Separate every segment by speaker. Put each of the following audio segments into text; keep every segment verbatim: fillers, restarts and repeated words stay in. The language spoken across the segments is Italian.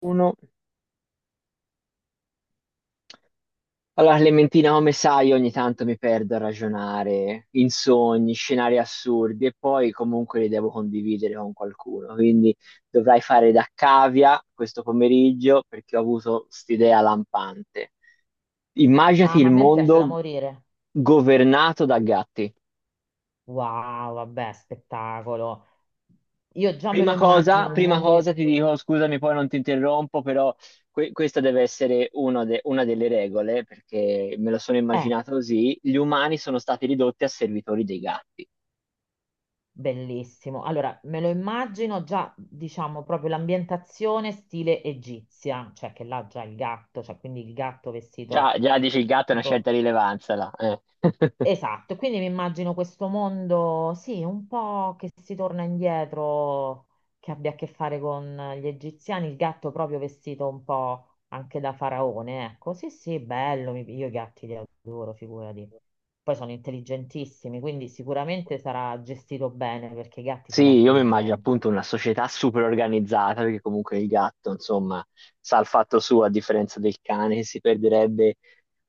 Speaker 1: Uno. Allora, Clementina, come sai, ogni tanto mi perdo a ragionare in sogni, scenari assurdi e poi comunque li devo condividere con qualcuno. Quindi dovrai fare da cavia questo pomeriggio perché ho avuto st'idea lampante.
Speaker 2: Ah,
Speaker 1: Immaginati
Speaker 2: ma
Speaker 1: il
Speaker 2: a me piace da
Speaker 1: mondo
Speaker 2: morire.
Speaker 1: governato da gatti.
Speaker 2: Wow, vabbè, spettacolo. Io già me lo
Speaker 1: Prima cosa,
Speaker 2: immagino un
Speaker 1: prima cosa
Speaker 2: mondo...
Speaker 1: ti dico, scusami, poi non ti interrompo, però que- questa deve essere uno de- una delle regole, perché me lo sono
Speaker 2: Eh,
Speaker 1: immaginato così, gli umani sono stati ridotti a servitori dei gatti.
Speaker 2: Bellissimo. Allora, me lo immagino già, diciamo, proprio l'ambientazione stile egizia, cioè che là già il gatto, cioè quindi il gatto
Speaker 1: Già,
Speaker 2: vestito
Speaker 1: già dici il gatto ha una certa
Speaker 2: tipo.
Speaker 1: rilevanza là. Eh.
Speaker 2: Esatto, quindi mi immagino questo mondo, sì, un po' che si torna indietro, che abbia a che fare con gli egiziani, il gatto proprio vestito un po' anche da faraone, ecco, sì, sì, bello, mi- io i gatti li adoro, figurati. Poi sono intelligentissimi, quindi sicuramente sarà gestito bene perché i gatti
Speaker 1: Sì,
Speaker 2: sono
Speaker 1: io mi immagino
Speaker 2: intelligenti.
Speaker 1: appunto una società super organizzata, perché comunque il gatto, insomma, sa il fatto suo, a differenza del cane che si perderebbe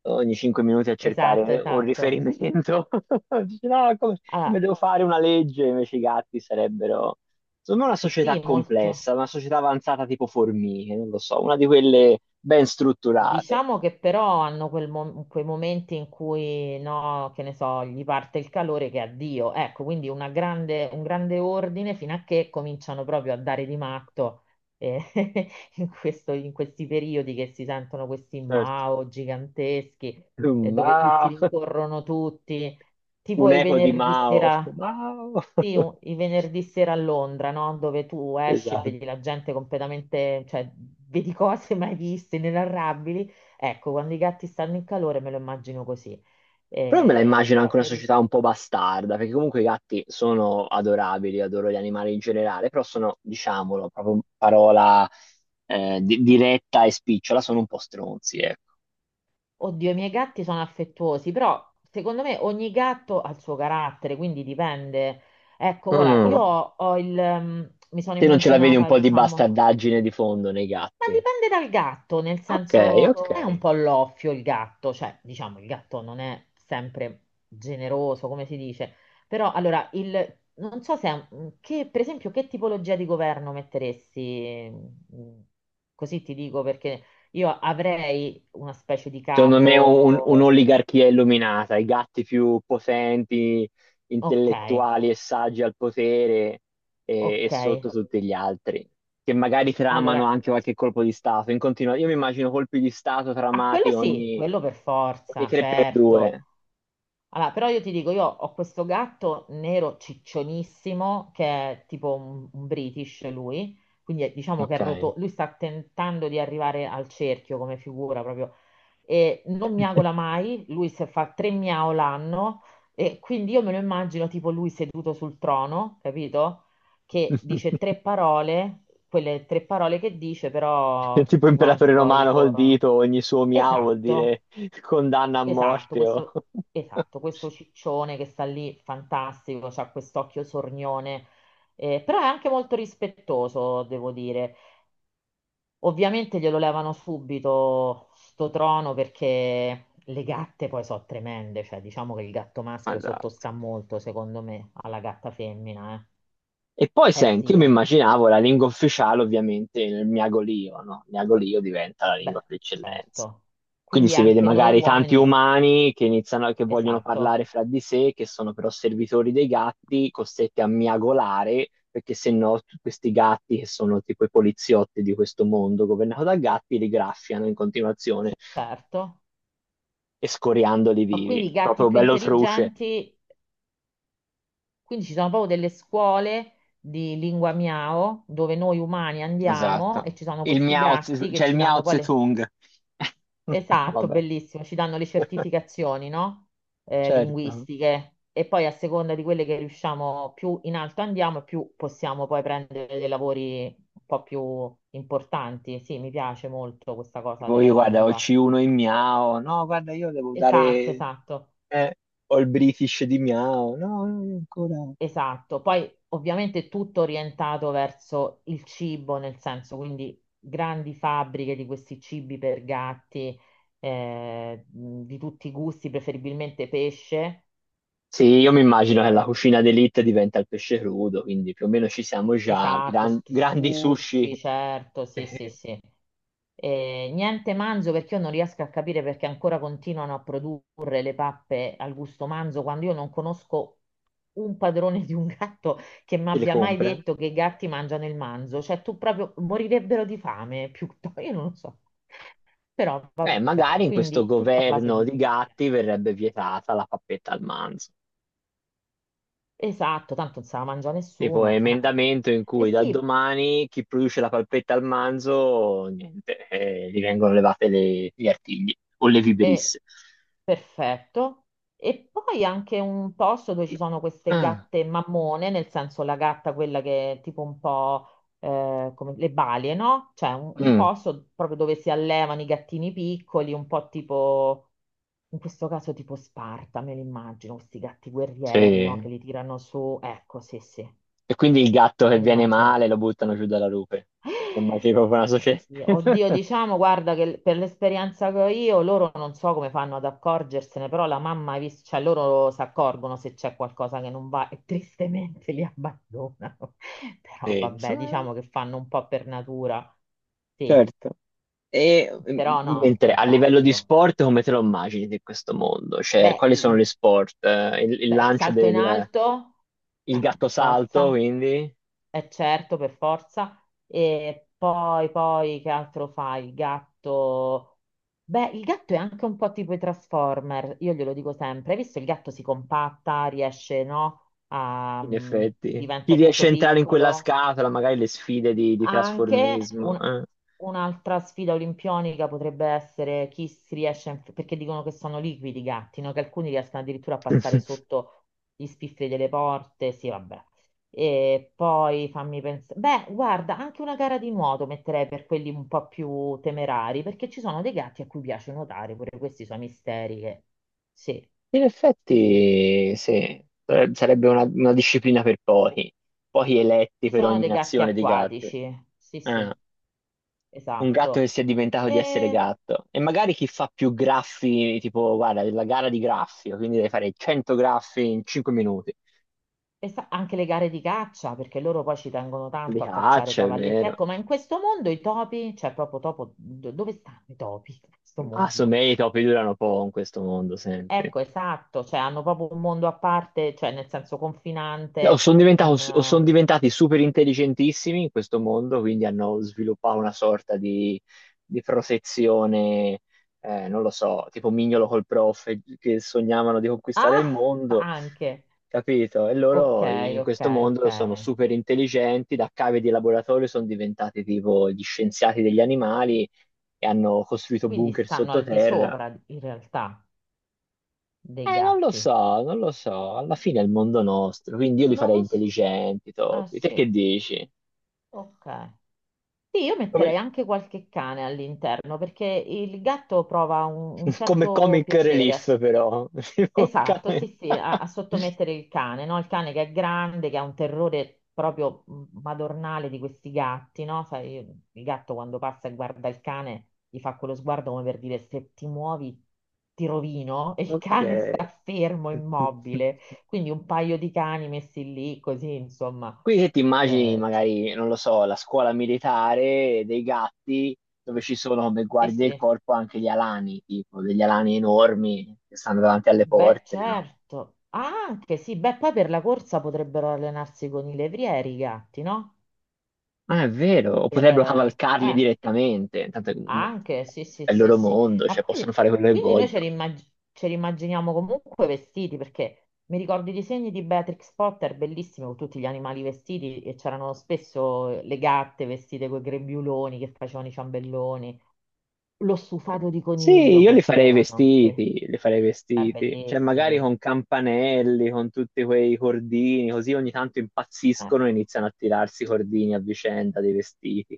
Speaker 1: ogni cinque minuti a
Speaker 2: Esatto,
Speaker 1: cercare un
Speaker 2: esatto.
Speaker 1: riferimento. Dice, no, come, come
Speaker 2: Allora,
Speaker 1: devo fare una legge? Invece i gatti sarebbero, insomma, una società
Speaker 2: sì,
Speaker 1: complessa,
Speaker 2: molto.
Speaker 1: una società avanzata tipo formiche, non lo so, una di quelle ben strutturate.
Speaker 2: Diciamo che però hanno quel mo- quei momenti in cui, no, che ne so, gli parte il calore che addio. Ecco, quindi una grande- un grande ordine fino a che cominciano proprio a dare di matto, eh, in questo- in questi periodi che si sentono questi
Speaker 1: Certo.
Speaker 2: Mao giganteschi, eh, dove tutti
Speaker 1: Mao,
Speaker 2: rincorrono tutti, tipo
Speaker 1: un
Speaker 2: i
Speaker 1: eco di
Speaker 2: venerdì
Speaker 1: Mao.
Speaker 2: sera.
Speaker 1: Mao.
Speaker 2: Sì, un- i venerdì sera a Londra, no? Dove tu esci e vedi
Speaker 1: Esatto.
Speaker 2: la gente completamente, cioè vedi cose mai viste, inenarrabili. Ecco, quando i gatti stanno in calore me lo immagino così.
Speaker 1: Però me la
Speaker 2: Eh,
Speaker 1: immagino anche
Speaker 2: però
Speaker 1: una
Speaker 2: per...
Speaker 1: società un po' bastarda, perché comunque i gatti sono adorabili, adoro gli animali in generale, però sono, diciamolo, proprio in parola eh, di- diretta e spicciola, sono un po' stronzi, ecco.
Speaker 2: Oddio, i miei gatti sono affettuosi, però secondo me ogni gatto ha il suo carattere, quindi dipende. Ecco, guarda,
Speaker 1: Mm.
Speaker 2: io ho ho il... ehm, mi sono
Speaker 1: Te non ce la vedi un
Speaker 2: immaginata,
Speaker 1: po' di
Speaker 2: diciamo...
Speaker 1: bastardaggine di fondo nei
Speaker 2: Ma
Speaker 1: gatti?
Speaker 2: dipende dal gatto, nel
Speaker 1: Ok,
Speaker 2: senso, cioè,
Speaker 1: ok.
Speaker 2: è un po' l'offio il gatto, cioè, diciamo, il gatto non è sempre generoso, come si dice, però allora, il, non so se, è un- che, per esempio, che tipologia di governo metteresti, mm, così ti dico, perché io avrei una specie di
Speaker 1: Secondo me
Speaker 2: capo,
Speaker 1: un-
Speaker 2: eh,
Speaker 1: un'oligarchia illuminata, i gatti più potenti,
Speaker 2: ok,
Speaker 1: intellettuali e saggi al potere e, e
Speaker 2: ok,
Speaker 1: sotto tutti gli altri, che magari tramano
Speaker 2: allora,
Speaker 1: anche qualche colpo di Stato. In continua- io mi immagino colpi di Stato
Speaker 2: a
Speaker 1: tramati
Speaker 2: quello sì,
Speaker 1: ogni,
Speaker 2: quello per
Speaker 1: ogni
Speaker 2: forza, certo.
Speaker 1: tre per due.
Speaker 2: Allora, però io ti dico, io ho questo gatto nero ciccionissimo che è tipo un, un British lui, quindi è- diciamo che
Speaker 1: Ok.
Speaker 2: è roto, lui sta tentando di arrivare al cerchio come figura proprio e non miagola mai, lui se fa tre miau l'anno e quindi io me lo immagino tipo lui seduto sul trono, capito? Che dice tre parole, quelle tre parole che dice
Speaker 1: È
Speaker 2: però
Speaker 1: tipo
Speaker 2: tutti
Speaker 1: imperatore
Speaker 2: quanti poi
Speaker 1: romano col
Speaker 2: corrono.
Speaker 1: dito, ogni suo miau vuol
Speaker 2: Esatto.
Speaker 1: dire condanna a
Speaker 2: Esatto,
Speaker 1: morte. O-
Speaker 2: questo, esatto, questo ciccione che sta lì, fantastico, c'ha quest'occhio sornione, eh, però è anche molto rispettoso, devo dire. Ovviamente glielo levano subito sto trono perché le gatte poi sono tremende, cioè diciamo che il gatto maschio
Speaker 1: Esatto.
Speaker 2: sottostà molto, secondo me, alla gatta femmina,
Speaker 1: E poi
Speaker 2: eh. Eh
Speaker 1: senti,
Speaker 2: sì,
Speaker 1: io mi
Speaker 2: eh.
Speaker 1: immaginavo la lingua ufficiale ovviamente il miagolio, no? Il miagolio diventa la
Speaker 2: Beh,
Speaker 1: lingua per eccellenza.
Speaker 2: certo.
Speaker 1: Quindi
Speaker 2: Quindi
Speaker 1: si vede
Speaker 2: anche noi
Speaker 1: magari tanti
Speaker 2: uomini,
Speaker 1: umani che iniziano, che vogliono
Speaker 2: esatto,
Speaker 1: parlare fra di sé, che sono però servitori dei gatti, costretti a miagolare, perché se no t- questi gatti, che sono tipo i poliziotti di questo mondo governato da gatti, li graffiano in continuazione,
Speaker 2: certo.
Speaker 1: escoriandoli
Speaker 2: Ma
Speaker 1: vivi.
Speaker 2: quindi i gatti
Speaker 1: Proprio
Speaker 2: più
Speaker 1: bello truce.
Speaker 2: intelligenti. Quindi ci sono proprio delle scuole di lingua miao dove noi umani andiamo
Speaker 1: Esatto.
Speaker 2: e ci sono
Speaker 1: Il
Speaker 2: questi
Speaker 1: miao, Tse-
Speaker 2: gatti che
Speaker 1: cioè il
Speaker 2: ci
Speaker 1: miao
Speaker 2: danno poi
Speaker 1: Tse
Speaker 2: le...
Speaker 1: Tung.
Speaker 2: Esatto,
Speaker 1: Vabbè.
Speaker 2: bellissimo, ci danno le certificazioni, no? Eh,
Speaker 1: Certo.
Speaker 2: linguistiche. E poi a seconda di quelle che riusciamo, più in alto andiamo, e più possiamo poi prendere dei lavori un po' più importanti. Sì, mi piace molto questa cosa
Speaker 1: Tipo
Speaker 2: della
Speaker 1: io guarda, ho il
Speaker 2: lingua.
Speaker 1: C uno in Miao, no, guarda, io devo
Speaker 2: Esatto,
Speaker 1: dare,
Speaker 2: esatto.
Speaker 1: eh, ho il British di Miao, no, no, io ancora.
Speaker 2: Esatto, poi ovviamente tutto orientato verso il cibo, nel senso quindi grandi fabbriche di questi cibi per gatti, eh, mh, di tutti i gusti, preferibilmente pesce.
Speaker 1: Sì, io mi immagino che la
Speaker 2: Eh,
Speaker 1: cucina d'élite diventa il pesce crudo, quindi più o meno ci siamo già,
Speaker 2: esatto,
Speaker 1: gran-
Speaker 2: s-
Speaker 1: grandi sushi
Speaker 2: sushi, certo, sì, sì,
Speaker 1: eh,
Speaker 2: sì. Eh, niente manzo perché io non riesco a capire perché ancora continuano a produrre le pappe al gusto manzo quando io non conosco un padrone di un gatto che mi
Speaker 1: che le
Speaker 2: abbia mai
Speaker 1: compra.
Speaker 2: detto che i gatti mangiano il manzo. Cioè, tu proprio morirebbero di fame, piuttosto, io non lo so. Però
Speaker 1: Eh,
Speaker 2: vabbè,
Speaker 1: magari in questo
Speaker 2: quindi tutto a base
Speaker 1: governo
Speaker 2: di
Speaker 1: di
Speaker 2: pesce.
Speaker 1: gatti verrebbe vietata la pappetta al manzo.
Speaker 2: Esatto, tanto non se la mangia
Speaker 1: Tipo
Speaker 2: nessuno. Eh.
Speaker 1: emendamento in
Speaker 2: E
Speaker 1: cui da
Speaker 2: sì,
Speaker 1: domani chi produce la palpetta al manzo, niente, eh, gli vengono levate le- gli artigli o le
Speaker 2: è
Speaker 1: vibrisse.
Speaker 2: perfetto. E poi anche un posto dove ci sono queste
Speaker 1: Ah,
Speaker 2: gatte mammone, nel senso la gatta quella che è tipo un po', eh, come le balie, no? Cioè un, un
Speaker 1: mm,
Speaker 2: posto proprio dove si allevano i gattini piccoli, un po' tipo, in questo caso tipo Sparta, me li immagino, questi gatti guerrieri, no? Che
Speaker 1: sì.
Speaker 2: li tirano su. Ecco, sì, sì,
Speaker 1: E quindi il gatto che
Speaker 2: me li
Speaker 1: viene
Speaker 2: immagino.
Speaker 1: male lo buttano giù dalla rupe. Insomma, c'è proprio una società.
Speaker 2: Oddio, oddio, diciamo, guarda che per l'esperienza che ho io, loro non so come fanno ad accorgersene, però la mamma, ha vis- cioè loro si accorgono se c'è qualcosa che non va e tristemente li abbandonano. Però
Speaker 1: Sì,
Speaker 2: vabbè,
Speaker 1: insomma,
Speaker 2: diciamo che fanno un po' per natura. Sì,
Speaker 1: certo. E mm,
Speaker 2: però no, è
Speaker 1: mentre a livello di
Speaker 2: fantastico.
Speaker 1: sport, come te lo immagini di questo mondo? Cioè,
Speaker 2: Beh,
Speaker 1: quali sono gli
Speaker 2: il,
Speaker 1: sport? Eh, Il, il
Speaker 2: beh, il
Speaker 1: lancio
Speaker 2: salto in
Speaker 1: del
Speaker 2: alto,
Speaker 1: il
Speaker 2: eh, per
Speaker 1: gatto salto,
Speaker 2: forza.
Speaker 1: quindi?
Speaker 2: Eh certo, per forza. E poi, poi, che altro fai? Il gatto... Beh, il gatto è anche un po' tipo i Transformer, io glielo dico sempre. Hai visto il gatto si compatta, riesce, no? A...
Speaker 1: In
Speaker 2: mm,
Speaker 1: effetti, chi
Speaker 2: diventa
Speaker 1: riesce
Speaker 2: tutto
Speaker 1: a entrare in quella
Speaker 2: piccolo.
Speaker 1: scatola, magari le sfide di, di
Speaker 2: Anche
Speaker 1: trasformismo.
Speaker 2: un-
Speaker 1: Eh.
Speaker 2: un'altra sfida olimpionica potrebbe essere chi si riesce, a inf- perché dicono che sono liquidi i gatti, no? Che alcuni riescono addirittura a passare sotto gli spifferi delle porte, sì, vabbè. E poi fammi pensare, beh, guarda, anche una gara di nuoto metterei per quelli un po' più temerari, perché ci sono dei gatti a cui piace nuotare, pure questi sono misteri che... Sì,
Speaker 1: In
Speaker 2: sì, sì.
Speaker 1: effetti, sì, eh, sarebbe una, una disciplina per pochi, pochi eletti
Speaker 2: Ci
Speaker 1: per
Speaker 2: sono
Speaker 1: ogni
Speaker 2: dei gatti
Speaker 1: nazione di gatti.
Speaker 2: acquatici, sì, sì,
Speaker 1: Eh, un gatto che
Speaker 2: esatto.
Speaker 1: sia diventato di essere gatto. E magari chi fa più graffi, tipo, guarda, la gara di graffio, quindi devi fare cento graffi in cinque minuti.
Speaker 2: E sa- anche le gare di caccia, perché loro poi ci tengono
Speaker 1: Li
Speaker 2: tanto a cacciare
Speaker 1: caccia, è
Speaker 2: cavallette.
Speaker 1: vero.
Speaker 2: Ecco, ma in questo mondo i topi, cioè proprio topo, do- dove stanno i topi in questo
Speaker 1: Ma
Speaker 2: mondo?
Speaker 1: insomma, i topi durano poco in questo mondo, senti.
Speaker 2: Ecco, esatto, cioè hanno proprio un mondo a parte, cioè nel senso
Speaker 1: Eh, O
Speaker 2: confinante,
Speaker 1: sono diventato-
Speaker 2: un...
Speaker 1: o son
Speaker 2: eh,
Speaker 1: diventati super intelligentissimi in questo mondo, quindi hanno sviluppato una sorta di, di protezione, eh, non lo so, tipo Mignolo col prof, eh, che sognavano di conquistare il
Speaker 2: Ah,
Speaker 1: mondo,
Speaker 2: anche.
Speaker 1: capito? E
Speaker 2: Ok,
Speaker 1: loro i- in
Speaker 2: ok,
Speaker 1: questo
Speaker 2: ok.
Speaker 1: mondo sono super intelligenti, da cave di laboratorio sono diventati tipo gli scienziati degli animali e hanno costruito
Speaker 2: Quindi
Speaker 1: bunker
Speaker 2: stanno al di
Speaker 1: sottoterra.
Speaker 2: sopra in realtà dei
Speaker 1: Eh, non lo
Speaker 2: gatti.
Speaker 1: so, non lo so, alla fine è il mondo nostro, quindi io li
Speaker 2: Non
Speaker 1: farei
Speaker 2: lo so.
Speaker 1: intelligenti,
Speaker 2: Ah,
Speaker 1: topi. Te
Speaker 2: sì,
Speaker 1: che dici?
Speaker 2: ok. Sì, io
Speaker 1: Come,
Speaker 2: metterei anche qualche cane all'interno perché il gatto prova un, un
Speaker 1: come
Speaker 2: certo
Speaker 1: comic
Speaker 2: piacere, a
Speaker 1: relief,
Speaker 2: s-
Speaker 1: però.
Speaker 2: esatto, sì, sì, a, a sottomettere il cane, no? Il cane che è grande, che ha un terrore proprio mh, madornale di questi gatti, no? Sai, il gatto quando passa e guarda il cane gli fa quello sguardo come per dire se ti muovi ti rovino e il
Speaker 1: Ok.
Speaker 2: cane sta fermo, immobile. Quindi un paio di cani messi lì così, insomma.
Speaker 1: Quindi se ti immagini
Speaker 2: Eh, c'è-
Speaker 1: magari, non lo so, la scuola militare dei gatti dove ci sono come
Speaker 2: sì,
Speaker 1: guardie del
Speaker 2: sì.
Speaker 1: corpo anche gli alani, tipo degli alani enormi che stanno davanti alle
Speaker 2: Beh,
Speaker 1: porte, no?
Speaker 2: certo. Ah, anche sì, beh, poi per la corsa potrebbero allenarsi con i levrieri i gatti, no?
Speaker 1: Ma è vero, o
Speaker 2: Per,
Speaker 1: potrebbero
Speaker 2: eh,
Speaker 1: cavalcarli
Speaker 2: eh,
Speaker 1: direttamente, tanto
Speaker 2: anche, sì, sì,
Speaker 1: è il
Speaker 2: sì,
Speaker 1: loro
Speaker 2: sì.
Speaker 1: mondo,
Speaker 2: Ma
Speaker 1: cioè possono
Speaker 2: poi,
Speaker 1: fare quello che
Speaker 2: quindi noi ce
Speaker 1: vogliono.
Speaker 2: li, immag- ce li immaginiamo comunque vestiti, perché mi ricordo i disegni di Beatrix Potter, bellissimi, con tutti gli animali vestiti, e c'erano spesso le gatte vestite con i grembiuloni che facevano i ciambelloni. Lo stufato di
Speaker 1: Sì,
Speaker 2: coniglio
Speaker 1: io li farei
Speaker 2: facevano, sì.
Speaker 1: vestiti,
Speaker 2: Eh,
Speaker 1: li farei vestiti, cioè magari
Speaker 2: bellissimi.
Speaker 1: con campanelli, con tutti quei cordini, così ogni tanto
Speaker 2: Eh.
Speaker 1: impazziscono e iniziano a tirarsi i cordini a vicenda dei vestiti.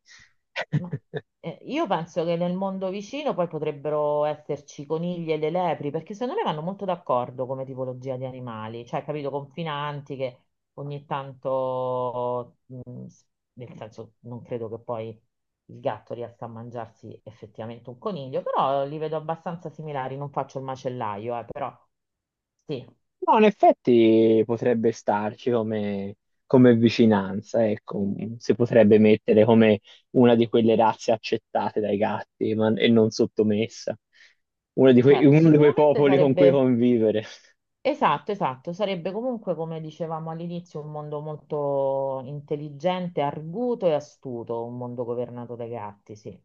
Speaker 2: Ma, eh, io penso che nel mondo vicino poi potrebbero esserci conigli e le lepri, perché secondo me vanno molto d'accordo come tipologia di animali, cioè, capito, confinanti che ogni tanto, mh, s- nel senso, non credo che poi il gatto riesca a mangiarsi effettivamente un coniglio, però li vedo abbastanza similari, non faccio il macellaio, eh, però sì,
Speaker 1: No, in effetti potrebbe starci come, come vicinanza, ecco, si potrebbe mettere come una di quelle razze accettate dai gatti ma- e non sottomessa, uno di quei,
Speaker 2: certo,
Speaker 1: uno di quei
Speaker 2: sicuramente
Speaker 1: popoli con cui
Speaker 2: sarebbe.
Speaker 1: convivere.
Speaker 2: Esatto, esatto, sarebbe comunque, come dicevamo all'inizio, un mondo molto intelligente, arguto e astuto, un mondo governato dai gatti, sì.